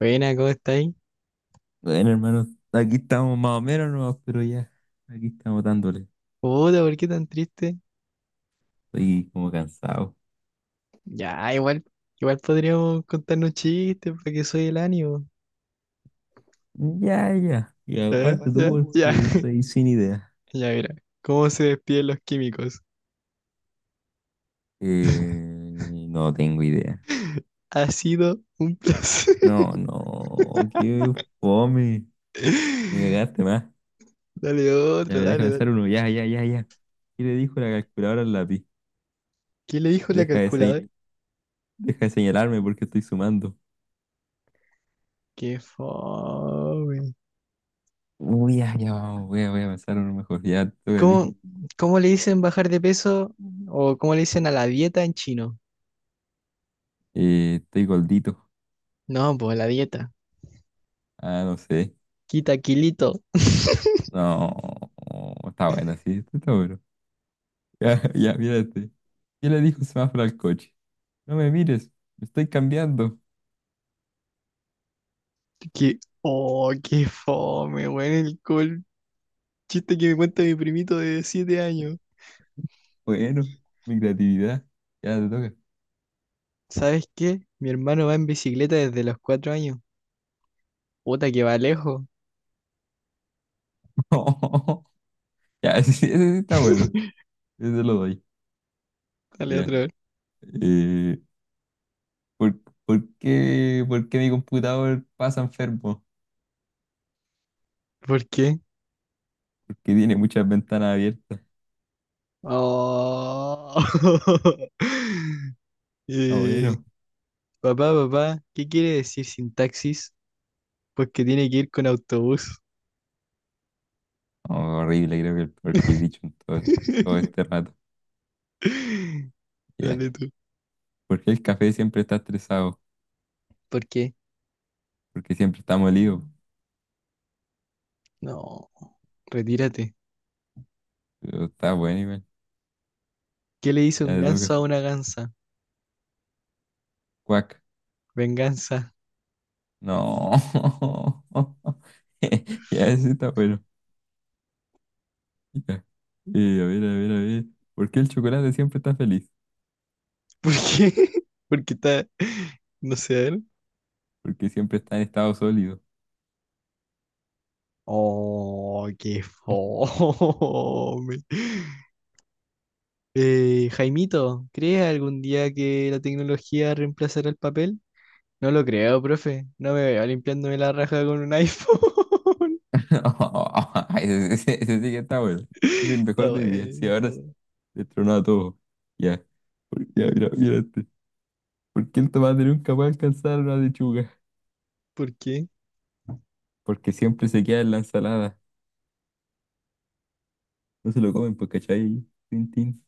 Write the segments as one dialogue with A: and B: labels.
A: Buena, ¿cómo estáis?
B: Bueno, hermano, aquí estamos más o menos nomás, pero ya, aquí estamos dándole.
A: Puta, ¿por qué tan triste?
B: Estoy como cansado.
A: Ya, igual, igual podríamos contarnos chistes para que soy el ánimo.
B: Ya, ya. Y
A: Ya, ¿eh?
B: aparte tú,
A: Ya, ya,
B: porque estoy sin idea.
A: ya, mira. ¿Cómo se despiden los químicos?
B: Eh, no tengo idea.
A: Ha sido un placer.
B: No, no, qué fome. Me cagaste más.
A: Dale
B: Ya,
A: otro,
B: ver, deja
A: dale,
B: pensar
A: dale.
B: uno. Ya, ya, ya, ya. ¿Qué le dijo la calculadora al lápiz?
A: ¿Qué le dijo la
B: Deja de, se-
A: calculadora?
B: deja de señalarme porque estoy sumando.
A: Qué fome.
B: Uy, ya, ya, vamos, voy a pensar uno mejor. Ya, toca a ti.
A: ¿Cómo, cómo le dicen bajar de peso o cómo le dicen a la dieta en chino?
B: Estoy gordito.
A: No, pues la dieta.
B: Ah, no sé.
A: Quita kilito.
B: No, está buena, sí, estoy seguro. Ya, ya, mírate. ¿Qué le dijo un semáforo al coche? No me mires, me estoy cambiando.
A: Que, oh, qué fome, weón, el colpo. Chiste que me cuenta mi primito de siete años.
B: Bueno, mi creatividad. Ya te toca.
A: ¿Sabes qué? Mi hermano va en bicicleta desde los cuatro años. Puta que va lejos.
B: Ya, ese sí está bueno. Ese lo doy.
A: Dale
B: Ya.
A: otra vez.
B: Eh, ¿por, por qué mi computador pasa enfermo?
A: ¿Por qué?
B: Porque tiene muchas ventanas abiertas.
A: Oh.
B: Ah,
A: Eh,
B: bueno.
A: papá, papá, ¿qué quiere decir sin taxis? Pues que tiene que ir con autobús.
B: Oh, horrible, creo que el peor que he dicho en todo este rato. Ya.
A: Dale tú.
B: ¿Por qué el café siempre está estresado?
A: ¿Por qué?
B: Porque siempre está molido.
A: No. Retírate.
B: Pero está bueno, igual.
A: ¿Qué le hizo
B: Ya
A: un
B: le toca.
A: ganso a una gansa?
B: Cuac.
A: Venganza.
B: No. Ya, ese está bueno. Ya. A ver, a ver, a ver. ¿Por qué el chocolate siempre está feliz?
A: ¿Por qué? Porque está. No sé, a ver.
B: Porque siempre está en estado sólido.
A: Oh, qué fome. Jaimito, ¿crees algún día que la tecnología reemplazará el papel? No lo creo, profe. No me veo limpiándome la raja con un iPhone.
B: Ay, ese sí que está bueno. Es el
A: Está
B: mejor de mi día.
A: bueno,
B: Sí,
A: está
B: ahora se
A: bueno.
B: le a todo. Ya. Ya, mira, mira este. ¿Por qué el tomate nunca va a alcanzar una lechuga?
A: ¿Por qué?
B: Porque siempre se queda en la ensalada. No se lo comen, pues, ¿cachai? Tin, tin.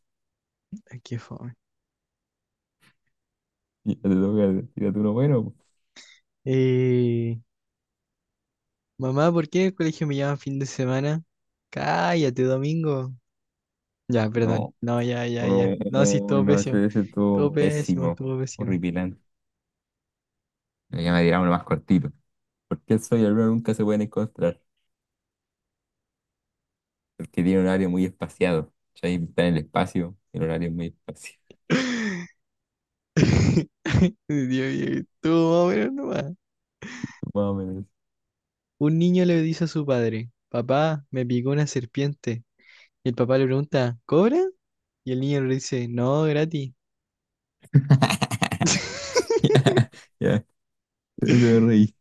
A: Ay, qué fome.
B: Y ya te toca, tírate uno bueno.
A: Eh, mamá, ¿por qué en el colegio me llaman fin de semana? Cállate, domingo. Ya,
B: Pues.
A: perdón.
B: Oh,
A: No, ya, ya, ya. No, sí,
B: oh,
A: estuvo
B: no,
A: pésimo.
B: ese
A: Estuvo
B: estuvo
A: pésimo,
B: pésimo,
A: estuvo pésimo.
B: horripilante. Ya me dirá uno más cortito. ¿Por qué el sol y la luna nunca se pueden encontrar? Porque tiene un horario muy espaciado. Ahí está en el espacio, el horario es muy espaciado.
A: Dios mío, estuvo más o menos nomás.
B: Más o menos.
A: Un niño le dice a su padre, papá, me picó una serpiente. Y el papá le pregunta, ¿cobra? Y el niño le dice, no, gratis.
B: Ya, ya, se me reí.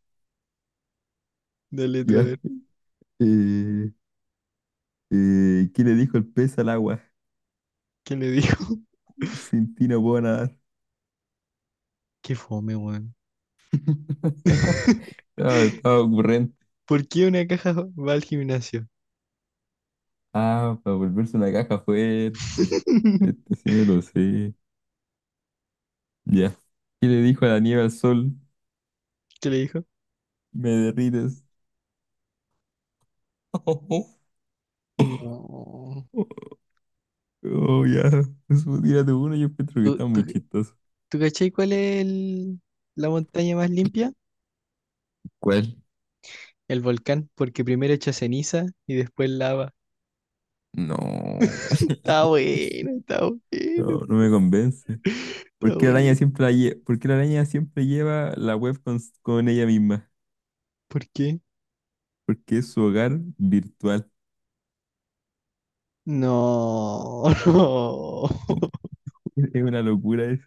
A: Dale tú a
B: Ya.
A: ver,
B: Eh, ¿Qué le dijo el pez al agua?
A: ¿qué le dijo?
B: Sin ti no puedo nadar.
A: Qué fome, weón.
B: Estaba ocurrente.
A: ¿Por qué una caja va al gimnasio?
B: Ah, para volverse una caja fuerte. Este sí me lo sé. Ya. ¿Qué le dijo la nieve al sol?
A: ¿Qué le dijo?
B: Me derrites.
A: No.
B: Oh, ya. Eso, tírate uno, yo encuentro que
A: ¿Tú,
B: está
A: tú,
B: muy chistoso.
A: tú cachai cuál es la montaña más limpia?
B: ¿Cuál?
A: El volcán, porque primero echa ceniza y después lava.
B: No.
A: Está bueno, está
B: No,
A: bueno.
B: no me convence.
A: Está bueno.
B: ¿Por qué la araña siempre lleva la web con ella misma?
A: ¿Por qué?
B: Porque es su hogar virtual.
A: No, no.
B: Es una locura eso.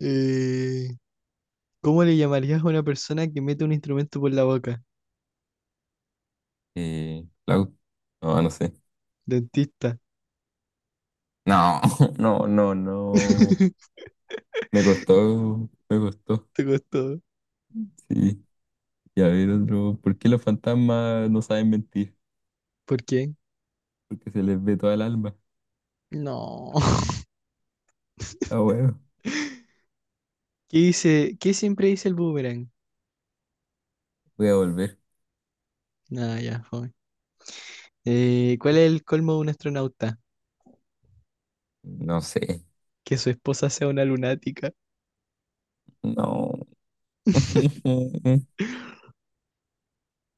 A: Eh, ¿Cómo le llamarías a una persona que mete un instrumento por la boca?
B: Clau. No, no sé.
A: Dentista.
B: No, no, no, no. Me costó, me costó.
A: Te costó.
B: Sí. Y a ver otro. ¿Por qué los fantasmas no saben mentir?
A: ¿Por qué?
B: Porque se les ve toda el alma.
A: No.
B: Ah, bueno.
A: ¿Qué dice? ¿Qué siempre dice el boomerang?
B: Voy a volver.
A: Nada, ya, fue. ¿Cuál es el colmo de un astronauta?
B: No sé.
A: Que su esposa sea una lunática.
B: No. ¿Qué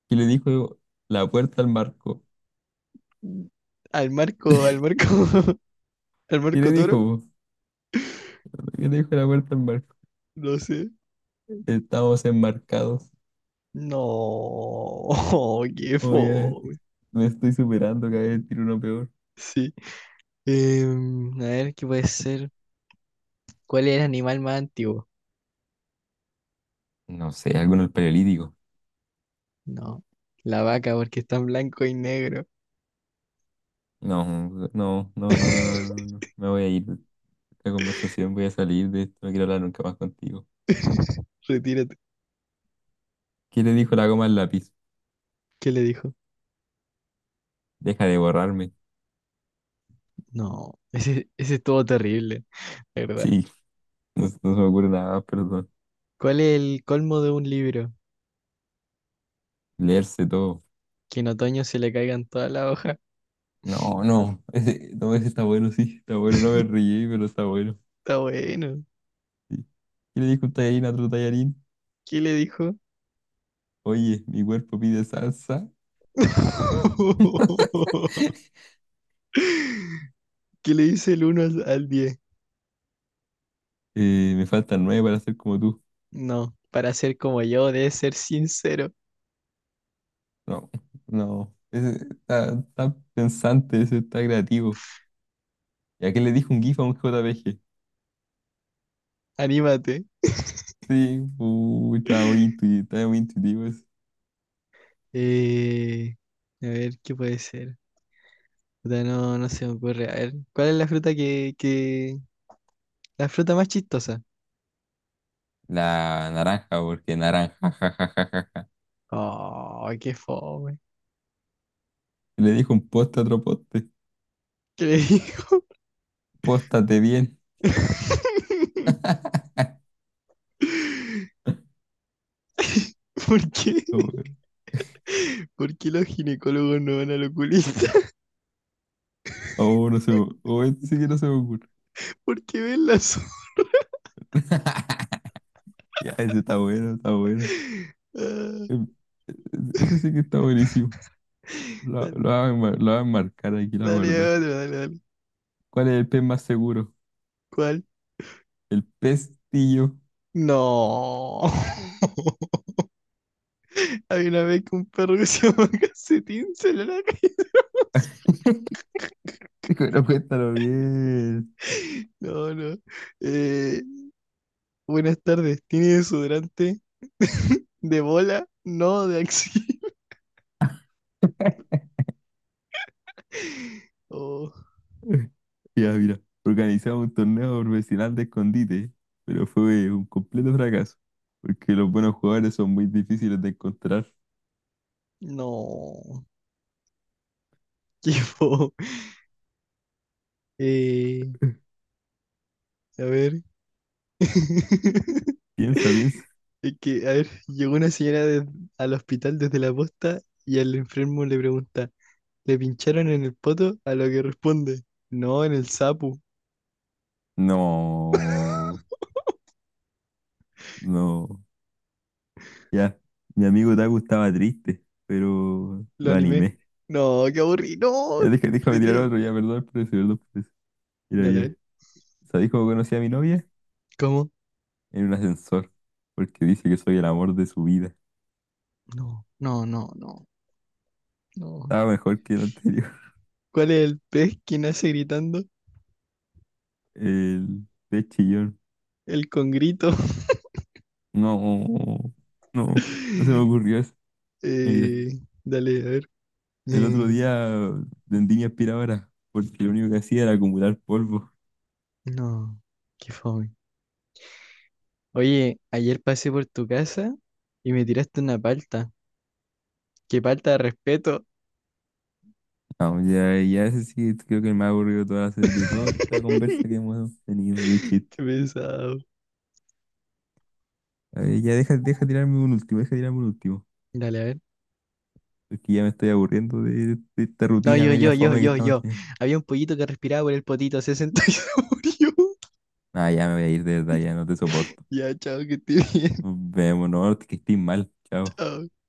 B: le dijo la puerta al marco?
A: Al marco, al marco. ¿El
B: ¿Qué le
A: Marco Toro?
B: dijo? ¿Qué le dijo la puerta al marco?
A: No sé.
B: Estamos enmarcados.
A: No, qué
B: Oye,
A: fome.
B: me estoy superando, cada vez tiro uno peor.
A: Sí. Em, a ver, ¿qué puede ser? ¿Cuál es el animal más antiguo?
B: No sé, algo en el paleolítico.
A: No, la vaca, porque está en blanco y negro.
B: No, no, no, no, no, no, no. No. Me voy a ir de esta conversación, voy a salir de esto, no quiero hablar nunca más contigo.
A: Retírate.
B: ¿Qué le dijo la goma al lápiz?
A: ¿Qué le dijo?
B: Deja de borrarme.
A: No, ese estuvo terrible, la ¿verdad?
B: Sí, no, no se me ocurre nada más, perdón.
A: ¿Cuál es el colmo de un libro?
B: Leerse todo.
A: Que en otoño se le caigan todas las hojas.
B: No, no, ese, no, ese está bueno, sí, está bueno, no me reí, pero está bueno.
A: Está bueno.
B: Sí. ¿Qué le dijo un tallarín a otro tallarín?
A: ¿Qué le dijo?
B: Oye, mi cuerpo pide salsa,
A: ¿Qué le dice el uno al diez?
B: me faltan nueve para ser como tú.
A: No, para ser como yo, debes ser sincero.
B: No, no, ese está pensante, ese está creativo. ¿Y a qué le dijo un GIF a un JPG?
A: Anímate.
B: Sí, uy, está muy intuitivo ese.
A: Eh, a ver, ¿qué puede ser? Puta, no, no se me ocurre. A ver, ¿cuál es la fruta que... la fruta más chistosa?
B: La naranja, porque naranja, ja, ja, ja, ja, ja.
A: Oh, qué fome.
B: Le dijo un poste a otro poste,
A: ¿Qué le digo?
B: póstate bien.
A: ¿Por qué? ¿Por qué los ginecólogos no van al oculista?
B: Oh, no se me, oh, este sí que no se me ocurre.
A: ¿Por qué ven las...
B: Ya, ese está bueno, está bueno. Em, Ese sí que está buenísimo. Lo voy a marcar aquí,
A: Ah,
B: la
A: dale,
B: verdad.
A: dale, otro, dale, dale.
B: ¿Cuál es el pez más seguro?
A: ¿Cuál?
B: El pestillo.
A: No. Había una vez que un perro que se llama Calcetín salió a la calle.
B: Pero cuéntalo bien.
A: No, no. Eh, buenas tardes. ¿Tiene desodorante? ¿De bola? No, de axi. Oh,
B: Ya, mira, organizamos un torneo profesional de escondite, pero fue un completo fracaso, porque los buenos jugadores son muy difíciles de encontrar.
A: no. Qué
B: Oh,
A: fo. Eh,
B: eh.
A: a ver.
B: Piensa, piensa.
A: Es que, a ver, llegó una señora de- al hospital desde la posta y al enfermo le pregunta, ¿le pincharon en el poto? A lo que responde, no, en el sapu.
B: No, no. Ya, mi amigo Taku estaba triste, pero
A: Lo
B: lo
A: animé.
B: animé.
A: No, qué aburrido. No,
B: Ya, déjame tirar
A: retírate.
B: otro, ya, perdón por eso, perdón por eso. Mira,
A: Dale, a
B: ya.
A: ver.
B: ¿Sabéis cómo conocí a mi novia?
A: ¿Cómo?
B: En un ascensor, porque dice que soy el amor de su vida.
A: No, no, no, no, no.
B: Estaba mejor que el anterior.
A: ¿Cuál es el pez que nace gritando?
B: El de chillón.
A: El congrito.
B: No, no, no se me ocurrió eso. Ya, mira,
A: Dale, a ver.
B: el otro
A: Eh,
B: día vendí mi aspiradora, porque lo único que hacía era acumular polvo.
A: no, qué fome. Oye, ayer pasé por tu casa y me tiraste una palta. Qué palta de respeto.
B: No, ya, ya ese sí, creo que el más aburrido toda la, de toda la conversa que hemos tenido de chiste.
A: Qué pesado.
B: A ver, ya deja tirarme un último, deja tirarme un último.
A: Dale, a ver.
B: Porque ya me estoy aburriendo de esta
A: No,
B: rutina
A: yo,
B: media
A: yo, yo,
B: fome que
A: yo,
B: estamos
A: yo.
B: teniendo.
A: Había un pollito que respiraba por el potito, se sentó y se murió.
B: Ah, ya me voy a ir de verdad, ya no te soporto.
A: Ya, chao, que te bien.
B: Nos vemos, no, que estés mal. Chao.
A: uh,